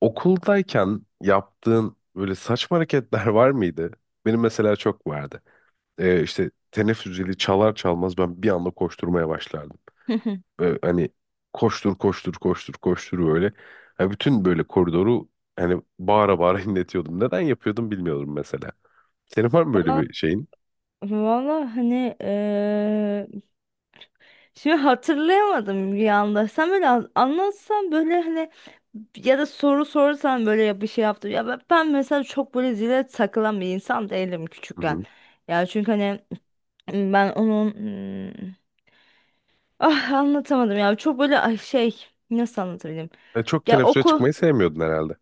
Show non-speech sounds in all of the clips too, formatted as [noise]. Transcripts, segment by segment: Okuldayken yaptığın böyle saçma hareketler [laughs] var mıydı? Benim mesela çok vardı. İşte teneffüs zili çalar çalmaz ben bir anda koşturmaya başlardım. Hı hı. Hani koştur koştur koştur koştur böyle. Yani bütün böyle koridoru hani bağıra bağıra [laughs] inletiyordum. Neden yapıyordum bilmiyorum mesela. Senin var mı böyle Va- bir şeyin? Valla hani şimdi hatırlayamadım bir anda. Sen böyle anlatsan böyle hani ya da soru sorsan böyle ya bir şey yaptım. Ya ben mesela çok böyle zile takılan bir insan değilim Hı küçükken. hı. Ya çünkü hani ben onun hmm, ah anlatamadım ya, çok böyle ay şey nasıl anlatabilirim? E, çok Ya teneffüse okul çıkmayı sevmiyordun herhalde.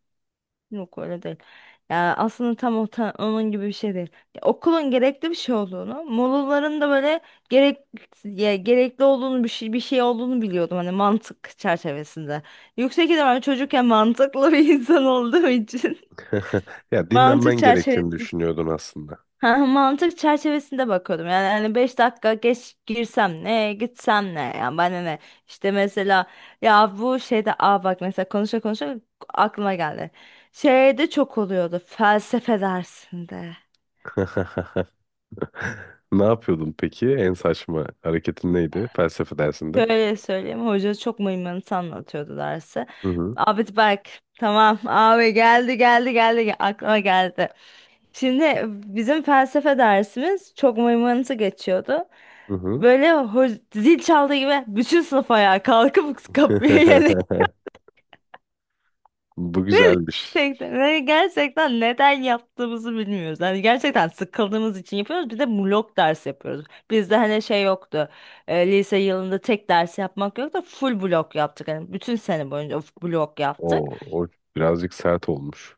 Yok, öyle değil. Ya aslında tam o onun gibi bir şey değil. Ya okulun gerekli bir şey olduğunu, molaların da böyle gerek ya gerekli olduğunu, bir şey bir şey olduğunu biliyordum hani, mantık çerçevesinde. Yüksek ihtimalle Hı hı. çocukken mantıklı bir [laughs] insan olduğum için [laughs] Ya [laughs] mantık dinlenmen gerektiğini düşünüyordun aslında. Ha, mantık çerçevesinde bakıyordum. Yani hani 5 dakika geç girsem ne, gitsem ne? Yani bana ne? İşte mesela ya bu şeyde, aa bak mesela, konuşa konuşa aklıma geldi. Şeyde çok oluyordu felsefe dersinde. [laughs] Ne yapıyordun peki? En saçma hareketin neydi felsefe dersinde? Şöyle söyleyeyim, hoca çok mıymıntı anlatıyordu dersi. Hı hı. Abi bak, tamam abi, geldi geldi geldi aklıma geldi. Şimdi bizim felsefe dersimiz çok mıymıntı geçiyordu. Hı hı. Böyle zil çaldığı gibi bütün sınıf ayağa kalkıp kapıya yönelir. [laughs] Bu [laughs] güzelmiş. Gerçekten, ve gerçekten neden yaptığımızı bilmiyoruz. Yani gerçekten sıkıldığımız için yapıyoruz. Bir de blok ders yapıyoruz. Bizde hani şey yoktu. Lise yılında tek ders yapmak yoktu. Full blok yaptık. Yani bütün sene boyunca blok yaptık. O birazcık sert olmuş.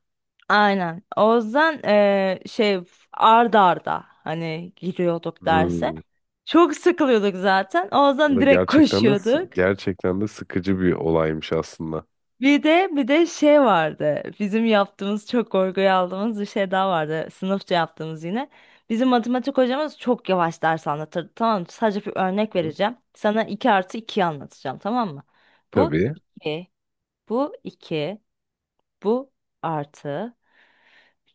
Aynen. O yüzden şey, ard arda hani giriyorduk derse. Hmm. Çok sıkılıyorduk zaten. O O yüzden da direkt gerçekten de koşuyorduk. gerçekten de sıkıcı bir olaymış aslında. Bir de şey vardı. Bizim yaptığımız, çok korkuya aldığımız bir şey daha vardı. Sınıfça yaptığımız yine. Bizim matematik hocamız çok yavaş ders anlatırdı. Tamam mı? Sadece bir örnek Hı. vereceğim. Sana iki artı 2'yi anlatacağım, tamam mı? Bu Tabii. 2, bu 2, bu artı,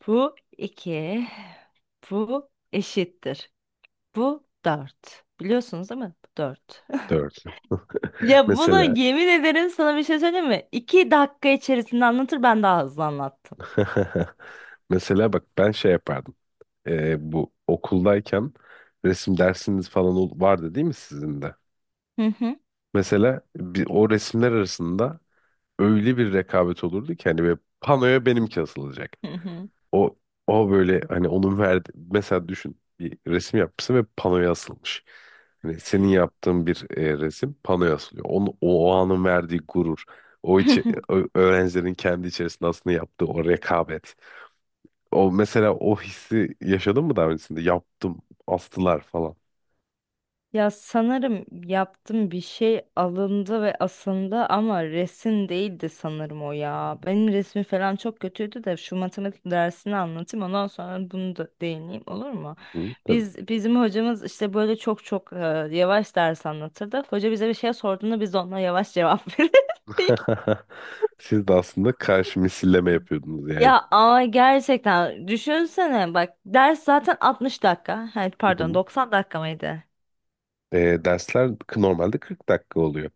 bu 2, bu eşittir. Bu 4. Biliyorsunuz değil mi? Bu 4. [laughs] Dört. [laughs] Ya bunu, Mesela yemin ederim sana bir şey söyleyeyim mi? 2 dakika içerisinde anlatır, ben daha hızlı anlattım. [laughs] mesela bak ben şey yapardım. Bu okuldayken resim dersiniz falan vardı değil mi sizin de? Hı hı. Mesela bir, o resimler arasında öyle bir rekabet olurdu ki hani böyle panoya benimki asılacak. Hı hı. O o böyle hani onun verdi mesela düşün bir resim yapmışsın ve panoya asılmış. Hani senin yaptığın bir resim panoya asılıyor. O anın verdiği gurur. Hı hı. Öğrencilerin kendi içerisinde aslında yaptığı o rekabet. O mesela o hissi yaşadın mı daha öncesinde? Yaptım, astılar falan. Ya sanırım yaptım, bir şey alındı ve asıldı, ama resim değildi sanırım o ya. Benim resmi falan çok kötüydü de, şu matematik dersini anlatayım, ondan sonra bunu da değineyim, olur mu? Hı, tabii. Bizim hocamız işte böyle çok çok yavaş ders anlatırdı. Hoca bize bir şey sorduğunda, biz de ona yavaş cevap [laughs] verirdik. [laughs] Siz de aslında karşı misilleme yapıyordunuz yani. Ya ama gerçekten düşünsene bak, ders zaten 60 dakika. Hayır, Hı pardon, hı. 90 dakika mıydı? Dersler normalde 40 dakika oluyor.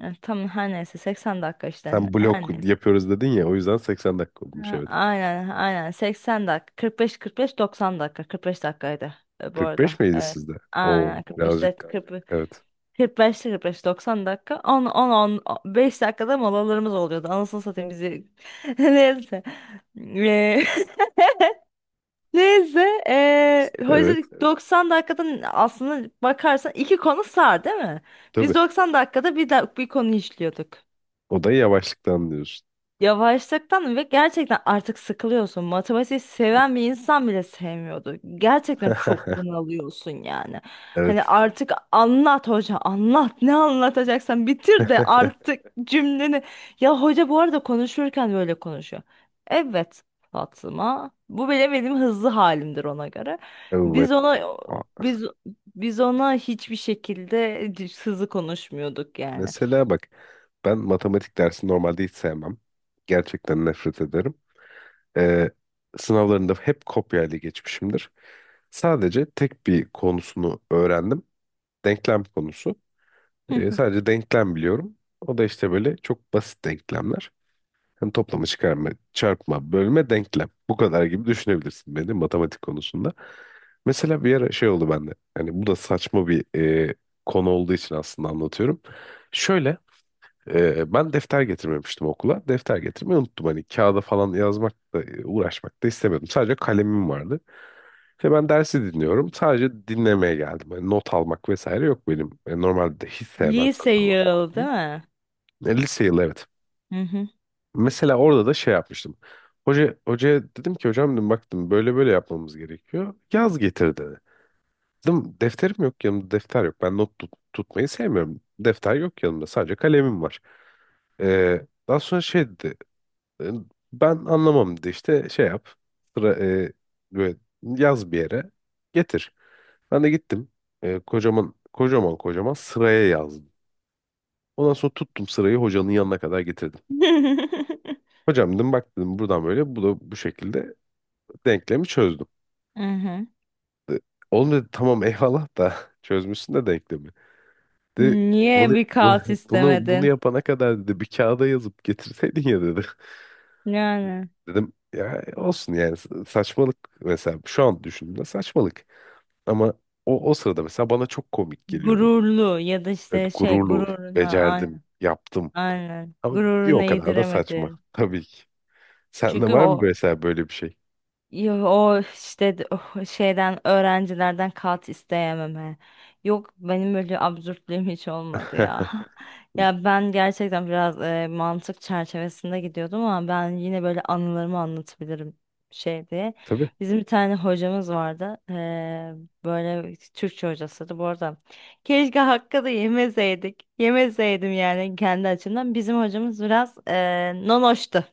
Evet, tam her neyse 80 dakika işte. Sen blok Her neyse. yapıyoruz dedin ya o yüzden 80 dakika olmuş Ha, evet. aynen aynen, 80 dakika, 45 45 90 dakika, 45 dakikaydı bu 45 arada. miydi Evet. sizde? Oo Aynen 45 dakika, birazcık 40 evet. 45 45 90 dakika, 10 10 10 5 dakikada molalarımız oluyordu. Anasını satayım bizi. [laughs] Neyse. Eee, [laughs] Neyse. Neyse. Evet Hoca 90 dakikadan aslında bakarsan iki konu sar değil mi? Biz tabii. 90 dakikada bir konu işliyorduk. O da yavaşlıktan diyorsun. Yavaşlıktan, ve gerçekten artık sıkılıyorsun. Matematiği seven bir insan bile sevmiyordu. Gerçekten çok [laughs] bunalıyorsun yani. Hani Evet. artık anlat hoca, anlat ne anlatacaksan, bitir de [laughs] artık cümleni. Ya hoca bu arada konuşurken böyle konuşuyor. Evet Fatma, bu bile benim hızlı halimdir ona göre. Evet. Biz ona Aa, biz biz ona hiçbir şekilde hızlı konuşmuyorduk yani. mesela bak ben matematik dersini normalde hiç sevmem. Gerçekten nefret ederim. Ee, Sınavlarında hep kopyayla geçmişimdir. Sadece tek bir konusunu öğrendim. Denklem konusu. E, [laughs] sadece denklem biliyorum. O da işte böyle çok basit denklemler. Hani toplama, çıkarma, çarpma, bölme, denklem. Bu kadar gibi düşünebilirsin beni matematik konusunda. Mesela bir ara şey oldu bende. Hani bu da saçma bir e, konu olduğu için aslında anlatıyorum. Şöyle ben defter getirmemiştim okula. Defter getirmeyi unuttum. Hani kağıda falan yazmak da uğraşmak da istemiyordum. Sadece kalemim vardı. İşte ben dersi dinliyorum. Sadece dinlemeye geldim. Hani not almak vesaire yok benim. E, normalde de hiç sevmem Lise zaten not yıl değil almayı. mi? E, lise yılı evet. Hı hı. Mesela orada da şey yapmıştım. Hocaya dedim ki hocam dedim baktım böyle böyle yapmamız gerekiyor. Yaz getir dedi. Dedim defterim yok yanımda defter yok. Ben not tut- tutmayı sevmiyorum. Defter yok yanımda sadece kalemim var. Daha sonra şey dedi. "E, ben anlamam dedi işte şey yap. Sıra, e, Böyle yaz bir yere getir. Ben de gittim. Kocaman kocaman kocaman sıraya yazdım. Ondan sonra tuttum sırayı hocanın yanına kadar getirdim. [laughs] Hocam dedim bak dedim buradan böyle bu da bu şekilde denklemi çözdüm. Aha. De, Oğlum dedi tamam eyvallah da [laughs] çözmüşsün de denklemi. Dedi Niye bunu, bir bu- kaos bunu istemedin? yapana kadar dedi bir kağıda yazıp getirseydin ya dedi. [laughs] Yani Dedim ya olsun yani saçmalık mesela şu an düşündüğümde saçmalık. Ama o sırada mesela bana çok komik geliyordu. gururlu, ya da Evet, işte şey gururlu, gururuna, becerdim, aynen yaptım. aynen Ama bir gururuna o kadar da saçma yediremedin. tabii ki. Sende Çünkü var mı o mesela böyle bir şey? O işte o şeyden, öğrencilerden kat isteyememe. Yok, benim öyle absürtlüğüm hiç olmadı ya. [laughs] [laughs] Ya ben gerçekten biraz mantık çerçevesinde gidiyordum, ama ben yine böyle anılarımı anlatabilirim şey diye. Tabii. Bizim bir tane hocamız vardı. Böyle Türkçe hocasıydı bu arada. Keşke hakkı da yemeseydik. Yemeseydim yani, kendi açımdan. Bizim hocamız biraz nonoştu.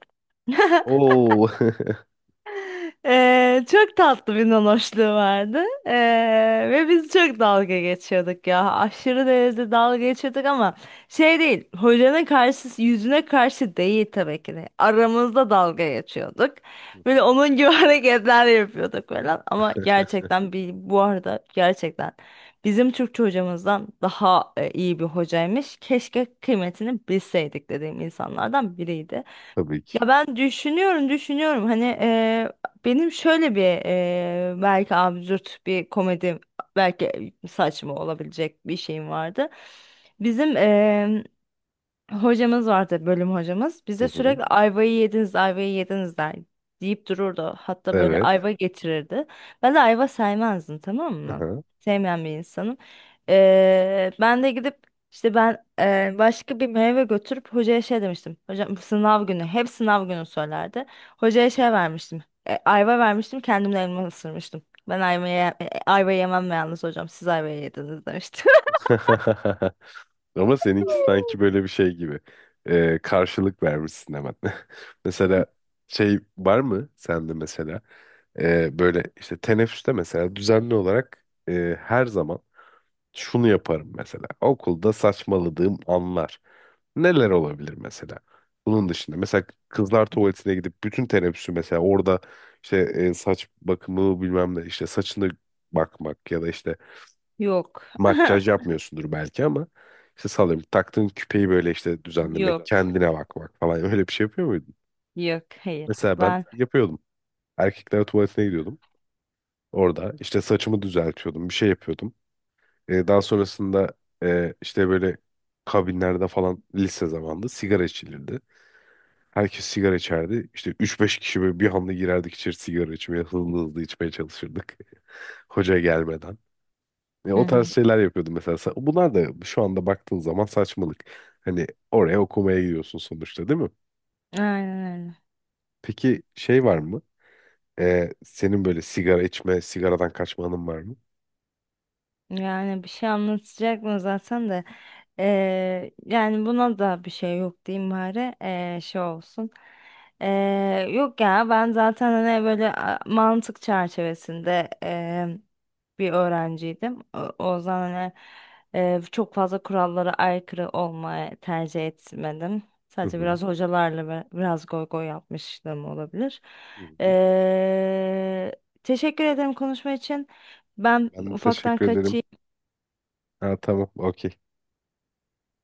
Oo. [laughs] Çok tatlı bir nanoşluğu vardı. Ve biz çok dalga geçiyorduk ya. Aşırı derecede dalga geçiyorduk, ama şey değil. Hocanın karşısı yüzüne karşı değil tabii ki de. Aramızda dalga geçiyorduk. Hı hı. Böyle onun gibi [laughs] hareketler yapıyorduk falan. Ama [laughs] gerçekten bir, bu arada gerçekten bizim Türkçe hocamızdan daha iyi bir hocaymış. Keşke kıymetini bilseydik dediğim insanlardan biriydi. Tabii ki. Ya ben düşünüyorum, düşünüyorum. Hani benim şöyle bir belki absürt bir komedi, belki saçma olabilecek bir şeyim vardı. Bizim Hocamız vardı, bölüm hocamız. Hı Bize hı. sürekli ayvayı yediniz, ayvayı yediniz der deyip dururdu. Hatta böyle Evet. ayva getirirdi. Ben de ayva sevmezdim, tamam Hı mı? hı. Sevmeyen bir insanım. Ben de gidip işte, ben başka bir meyve götürüp hocaya şey demiştim. Hocam sınav günü, hep sınav günü söylerdi. Hocaya şey vermiştim. Ayva vermiştim, kendimle elma ısırmıştım. Ben ayva yemem yalnız hocam. Siz ayva yediniz demiştim. [laughs] Ama seninki sanki böyle bir şey gibi. Karşılık vermişsin hemen. [laughs] Mesela şey var mı sende mesela böyle işte teneffüste mesela düzenli olarak her zaman şunu yaparım mesela. Okulda saçmaladığım anlar. Neler olabilir mesela? Bunun dışında mesela kızlar tuvaletine gidip bütün teneffüsü mesela orada işte saç bakımı bilmem ne işte saçını bakmak ya da işte [laughs] Yok. makyaj [laughs] yapmıyorsundur belki ama işte sallıyorum taktığın küpeyi böyle işte düzenlemek, Yok. kendine bakmak falan [laughs] öyle bir şey yapıyor muydun? Yok, hayır Mesela ben ben. yapıyordum. Erkekler tuvaletine gidiyordum. Orada işte saçımı düzeltiyordum, bir şey yapıyordum. Daha sonrasında işte böyle kabinlerde falan lise zamanında sigara içilirdi. Herkes sigara içerdi. İşte üç beş kişi böyle bir anda girerdik içeri sigara içmeye. Hızlı hızlı içmeye çalışırdık. [laughs] Hoca gelmeden. Hı O tarz hı. şeyler yapıyordum mesela. Bunlar da şu anda baktığın zaman saçmalık. Hani oraya okumaya gidiyorsun sonuçta değil mi? Aynen öyle. Peki şey var mı? Senin böyle sigara içme, sigaradan kaçma anın var mı? Yani bir şey anlatacak mı zaten de yani buna da bir şey yok diyeyim bari. Şey olsun. Yok ya, ben zaten hani böyle mantık çerçevesinde bir öğrenciydim. O yüzden hani çok fazla kurallara aykırı olmayı tercih etmedim. Hı Sadece hı. biraz hocalarla ve biraz goy goy yapmışlığım olabilir. Hı hı. Eee, Teşekkür ederim konuşma için. Ben Ben de ufaktan teşekkür ederim. kaçayım. Ha, tamam, okey.